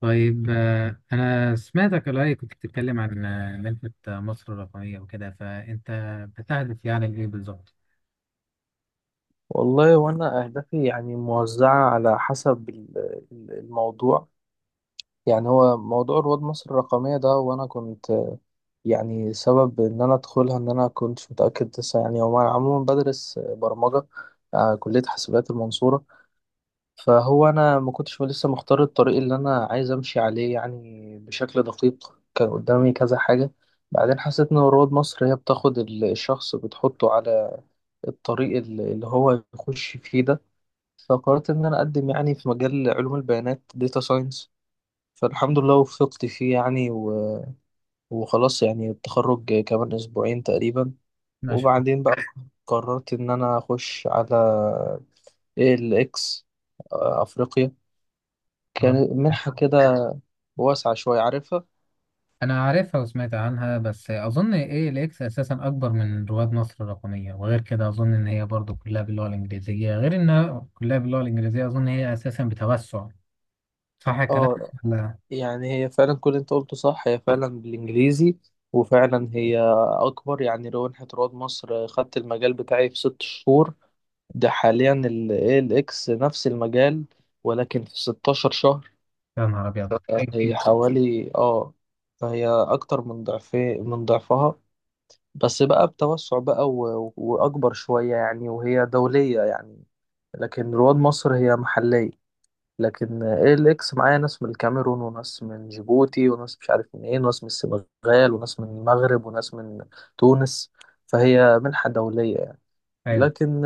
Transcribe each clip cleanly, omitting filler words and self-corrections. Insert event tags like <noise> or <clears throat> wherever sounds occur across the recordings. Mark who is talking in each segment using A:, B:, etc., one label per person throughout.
A: طيب أنا سمعتك قريب كنت بتتكلم عن منحة مصر الرقمية وكده، فأنت بتهدف يعني لإيه بالظبط؟
B: والله وانا اهدافي يعني موزعه على حسب الموضوع. يعني هو موضوع رواد مصر الرقميه ده، وانا كنت يعني سبب ان انا ادخلها، ان انا كنتش متاكد لسه يعني. هو انا عموما بدرس برمجه، كليه حاسبات المنصوره. فهو انا ما كنتش لسه مختار الطريق اللي انا عايز امشي عليه يعني بشكل دقيق، كان قدامي كذا حاجه. بعدين حسيت ان رواد مصر هي بتاخد الشخص بتحطه على الطريق اللي هو يخش فيه ده. فقررت إن أنا أقدم يعني في مجال علوم البيانات، داتا ساينس. فالحمد لله وفقت فيه يعني وخلاص يعني، التخرج كمان أسبوعين تقريبا.
A: ما شاء
B: وبعدين بقى قررت إن أنا أخش على ALX، أفريقيا،
A: الله.
B: كانت منحة كده واسعة شوية، عارفها.
A: أنا عارفها وسمعت عنها، بس أظن إيه، الإكس أساسا أكبر من رواد مصر الرقمية، وغير كده أظن إن هي برضو كلها باللغة الإنجليزية، غير إنها كلها باللغة الإنجليزية أظن هي أساسا بتوسع. صح الكلام؟
B: اه،
A: لا.
B: يعني هي فعلا كل اللي انت قلته صح، هي فعلا بالإنجليزي. وفعلا هي أكبر، يعني لو منحة رواد مصر خدت المجال بتاعي في ست شهور، ده حاليا ال ALX نفس المجال ولكن في 16 شهر.
A: يا نهار أبيض.
B: هي حوالي اه، فهي أكتر من ضعفي من ضعفها. بس بقى بتوسع بقى وأكبر شوية يعني، وهي دولية يعني. لكن رواد مصر هي محلية. لكن ALX معايا ناس من الكاميرون، وناس من جيبوتي، وناس مش عارف منين، وناس من السنغال، وناس من المغرب، وناس من تونس. فهي منحة دولية يعني.
A: أيوه.
B: لكن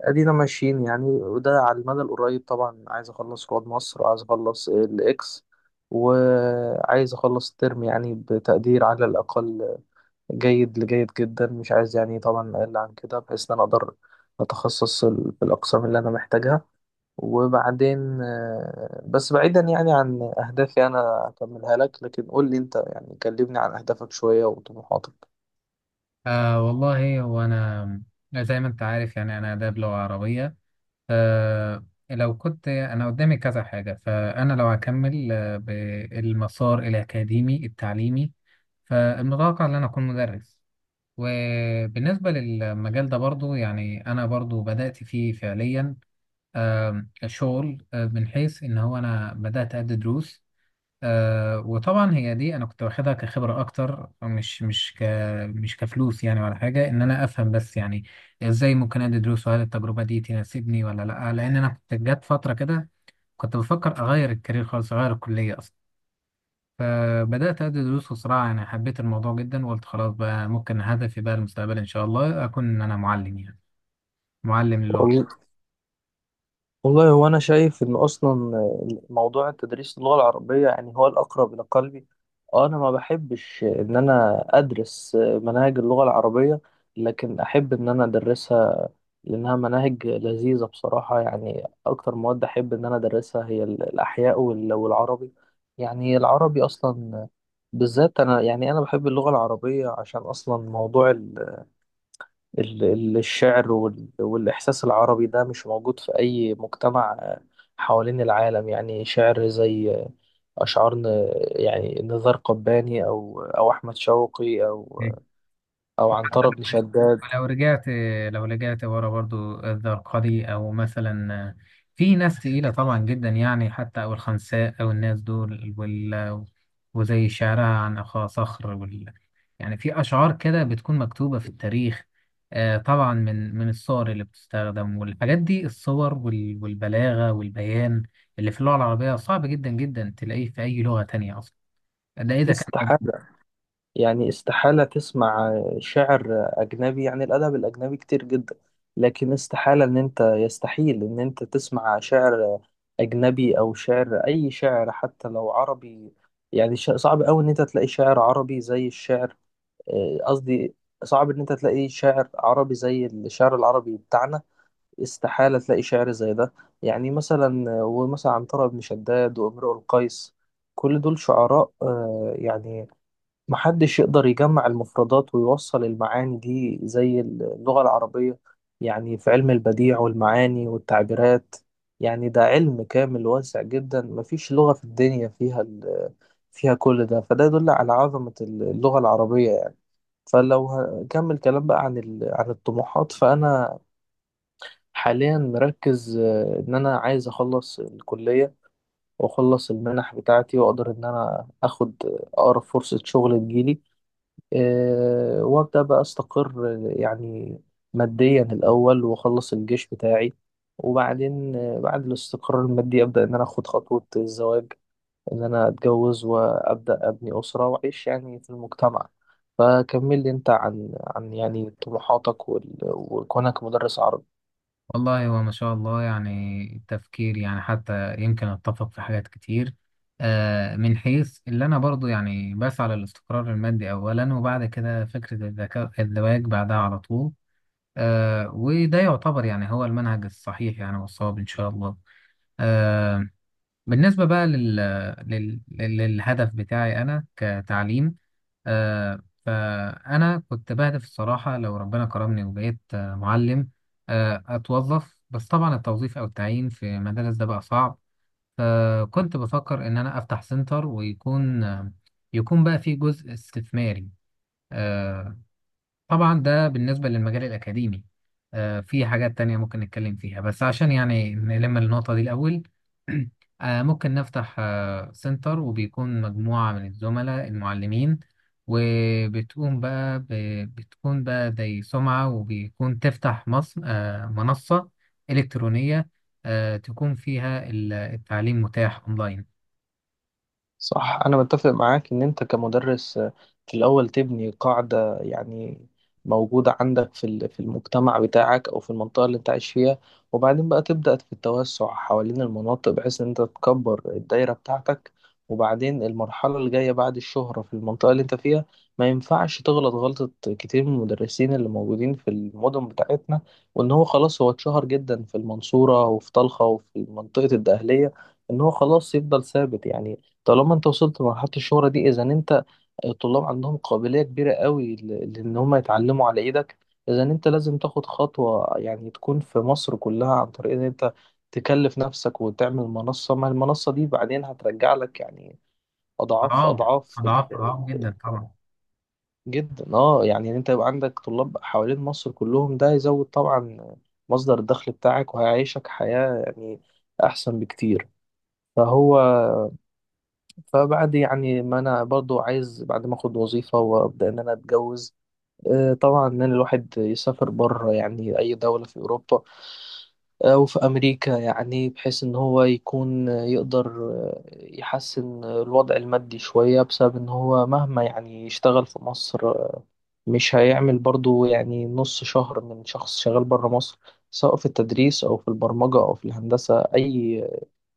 B: ادينا ماشيين يعني، وده على المدى القريب طبعا. عايز اخلص رواد مصر، وعايز اخلص الاكس، وعايز اخلص الترم يعني بتقدير على الاقل جيد لجيد جدا، مش عايز يعني طبعا اقل عن كده، بحيث ان انا اقدر اتخصص في الاقسام اللي انا محتاجها. وبعدين بس بعيدا يعني عن اهدافي، انا هكملها لك، لكن قول لي انت، يعني كلمني عن اهدافك شوية وطموحاتك.
A: والله هو أنا زي ما أنت عارف، يعني أنا آداب لغة عربية. آه لو كنت أنا قدامي كذا حاجة، فأنا لو هكمل بالمسار الأكاديمي التعليمي، فالمتوقع إن أنا أكون مدرس. وبالنسبة للمجال ده برضو يعني أنا برضو بدأت فيه فعليا. شغل من حيث إن هو أنا بدأت أدي دروس. وطبعا هي دي انا كنت واخدها كخبره اكتر، مش كفلوس يعني، ولا حاجه، ان انا افهم بس يعني ازاي ممكن ادي دروس، وهل التجربه دي تناسبني ولا لا، لان انا كنت جت فتره كده كنت بفكر اغير الكارير خالص، اغير الكليه اصلا. فبدات ادي دروس وصراحه يعني حبيت الموضوع جدا، وقلت خلاص بقى ممكن هدفي بقى المستقبل ان شاء الله اكون ان انا معلم، يعني معلم للغه.
B: والله هو أنا شايف إن أصلا موضوع التدريس، اللغة العربية يعني، هو الأقرب إلى قلبي. أنا ما بحبش إن أنا أدرس مناهج اللغة العربية، لكن أحب إن أنا أدرسها، لأنها مناهج لذيذة بصراحة. يعني أكتر مواد أحب إن أنا أدرسها هي الأحياء والعربي. يعني العربي أصلا بالذات، أنا يعني أنا بحب اللغة العربية، عشان أصلا موضوع الشعر والإحساس العربي ده مش موجود في أي مجتمع حوالين العالم. يعني شعر زي أشعار يعني نزار قباني أو أحمد شوقي أو
A: وحتى
B: عنترة بن
A: لو،
B: شداد.
A: ولو رجعت لو رجعت ورا برضو الزرقاوي، او مثلا في ناس تقيلة طبعا جدا، يعني حتى او الخنساء او الناس دول وزي شعرها عن اخا صخر يعني، في اشعار كده بتكون مكتوبة في التاريخ. طبعا من الصور اللي بتستخدم، والحاجات دي الصور والبلاغة والبيان اللي في اللغة العربية صعب جدا جدا تلاقيه في اي لغة تانية اصلا، ده اذا كان موجود.
B: استحالة، يعني استحالة تسمع شعر أجنبي. يعني الأدب الأجنبي كتير جدا، لكن استحالة إن أنت، يستحيل إن أنت تسمع شعر أجنبي أو شعر، أي شعر حتى لو عربي. يعني صعب أوي إن أنت تلاقي شعر عربي زي الشعر، قصدي صعب إن أنت تلاقي شعر عربي زي الشعر العربي بتاعنا. استحالة تلاقي شعر زي ده. يعني مثلا، ومثلا عنترة بن شداد وامرؤ القيس، كل دول شعراء يعني محدش يقدر يجمع المفردات ويوصل المعاني دي زي اللغة العربية. يعني في علم البديع والمعاني والتعبيرات، يعني ده علم كامل واسع جدا، مفيش لغة في الدنيا فيها فيها كل ده، فده يدل على عظمة اللغة العربية يعني. فلو هكمل كلام بقى عن عن الطموحات، فأنا حاليا مركز إن أنا عايز أخلص الكلية، وأخلص المنح بتاعتي، وأقدر إن أنا أخد أقرب فرصة شغل تجيلي، وابدا بقى استقر يعني ماديا الاول، واخلص الجيش بتاعي. وبعدين بعد الاستقرار المادي ابدا ان انا اخد خطوه الزواج، ان انا اتجوز، وابدا ابني اسره واعيش يعني في المجتمع. فكمل لي انت عن يعني طموحاتك وكونك مدرس عربي.
A: والله هو ما شاء الله يعني تفكير، يعني حتى يمكن اتفق في حاجات كتير. من حيث اللي انا برضو يعني بسعى للاستقرار المادي اولا، وبعد كده فكرة الذكاء الزواج بعدها على طول. وده يعتبر يعني هو المنهج الصحيح، يعني والصواب ان شاء الله. آه، بالنسبة بقى للهدف بتاعي انا كتعليم. آه، فأنا كنت بهدف الصراحة، لو ربنا كرمني وبقيت معلم، أتوظف. بس طبعا التوظيف أو التعيين في مدارس ده بقى صعب. فكنت بفكر إن أنا أفتح سنتر، ويكون آه، يكون بقى فيه جزء استثماري. آه، طبعا ده بالنسبة للمجال الأكاديمي. في حاجات تانية ممكن نتكلم فيها، بس عشان يعني نلم النقطة دي الأول. <clears throat> ممكن نفتح سنتر، وبيكون مجموعة من الزملاء المعلمين، وبتقوم بقى بتكون بقى زي سمعة، وبيكون تفتح منصة إلكترونية، تكون فيها التعليم متاح أونلاين.
B: صح، أنا متفق معاك إن أنت كمدرس في الأول تبني قاعدة يعني موجودة عندك في في المجتمع بتاعك، أو في المنطقة اللي أنت عايش فيها. وبعدين بقى تبدأ في التوسع حوالين المناطق، بحيث إن أنت تكبر الدايرة بتاعتك. وبعدين المرحلة اللي جاية بعد الشهرة في المنطقة اللي أنت فيها، ما ينفعش تغلط غلطة كتير من المدرسين اللي موجودين في المدن بتاعتنا، وإن هو خلاص، هو اتشهر جدا في المنصورة وفي طلخة وفي منطقة الدقهلية، إن هو خلاص يفضل ثابت يعني. طالما انت وصلت لمرحلة الشهرة دي، اذا انت، الطلاب عندهم قابلية كبيرة قوي لان هم يتعلموا على ايدك، اذا انت لازم تاخد خطوة يعني تكون في مصر كلها، عن طريق ان انت تكلف نفسك وتعمل منصة، ما المنصة دي بعدين هترجع لك يعني اضعاف
A: أضعاف.
B: اضعاف،
A: أضعاف أضعاف
B: ال-
A: جدا طبعا.
B: جدا، يعني ان انت يبقى عندك طلاب حوالين مصر كلهم، ده يزود طبعا مصدر الدخل بتاعك، وهيعيشك حياة يعني احسن بكتير. فهو فبعد يعني ما انا، برضو عايز بعد ما اخد وظيفة وابدا ان انا اتجوز، طبعا ان أنا الواحد يسافر بره، يعني اي دولة في اوروبا او في امريكا، يعني بحيث ان هو يكون يقدر يحسن الوضع المادي شوية، بسبب ان هو مهما يعني يشتغل في مصر مش هيعمل برضو يعني نص شهر من شخص شغال بره مصر، سواء في التدريس، او في البرمجة، او في الهندسة، اي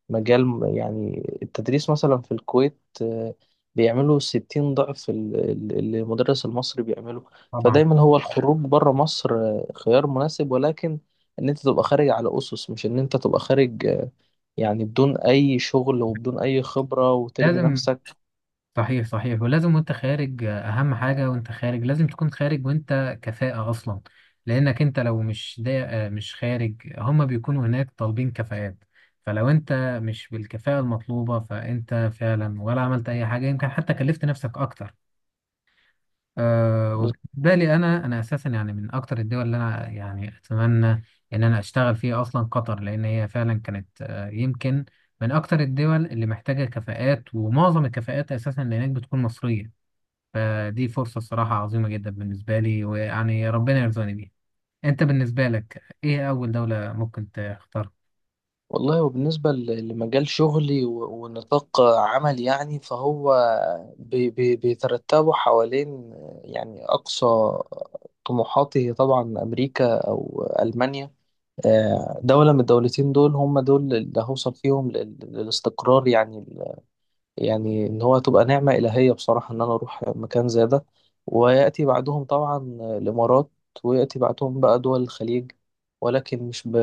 B: مجال يعني. التدريس مثلا في الكويت بيعملوا 60 ضعف اللي المدرس المصري بيعمله.
A: طبعا.
B: فدايما هو الخروج بره مصر خيار مناسب، ولكن ان انت تبقى خارج على اسس، مش ان انت تبقى خارج يعني بدون اي شغل وبدون اي خبرة وترمي
A: لازم.
B: نفسك.
A: صحيح صحيح، ولازم وانت خارج اهم حاجة وانت خارج لازم تكون خارج وانت كفاءة اصلا. لانك انت لو مش دا، مش خارج، هما بيكونوا هناك طالبين كفاءات. فلو انت مش بالكفاءة المطلوبة، فانت فعلا ولا عملت اي حاجة، يمكن حتى كلفت نفسك اكتر. أه. وبالنسبة لي انا اساسا يعني من اكتر الدول اللي انا يعني اتمنى ان انا اشتغل فيها اصلا قطر، لان هي فعلا كانت يمكن من اكتر الدول اللي محتاجة كفاءات، ومعظم الكفاءات اساسا اللي هناك بتكون مصرية. فدي فرصة الصراحة عظيمة جدا بالنسبة لي، ويعني ربنا يرزقني بيها. انت بالنسبة لك ايه اول دولة ممكن تختارها؟
B: والله، وبالنسبة لمجال شغلي ونطاق عمل، يعني فهو بيترتبوا حوالين، يعني أقصى طموحاتي هي طبعا أمريكا أو ألمانيا. دولة من الدولتين، دول هم دول اللي هوصل فيهم للاستقرار يعني. يعني ان هو تبقى نعمة إلهية بصراحة، ان انا اروح مكان زي ده. ويأتي بعدهم طبعا الامارات، ويأتي بعدهم بقى دول الخليج، ولكن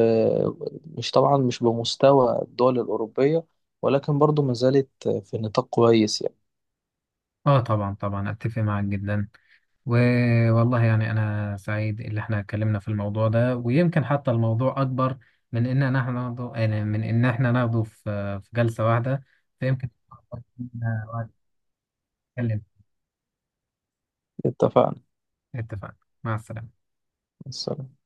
B: مش طبعا مش بمستوى الدول الأوروبية، ولكن برضو ما زالت في نطاق كويس يعني.
A: اه طبعا. طبعا اتفق معاك جدا. والله يعني انا سعيد اللي احنا اتكلمنا في الموضوع ده، ويمكن حتى الموضوع اكبر من ان احنا ناخده، يعني من ان احنا ناخده في جلسة واحدة، فيمكن وقت نتكلم.
B: اتفقنا،
A: اتفقنا. مع السلامة.
B: السلام.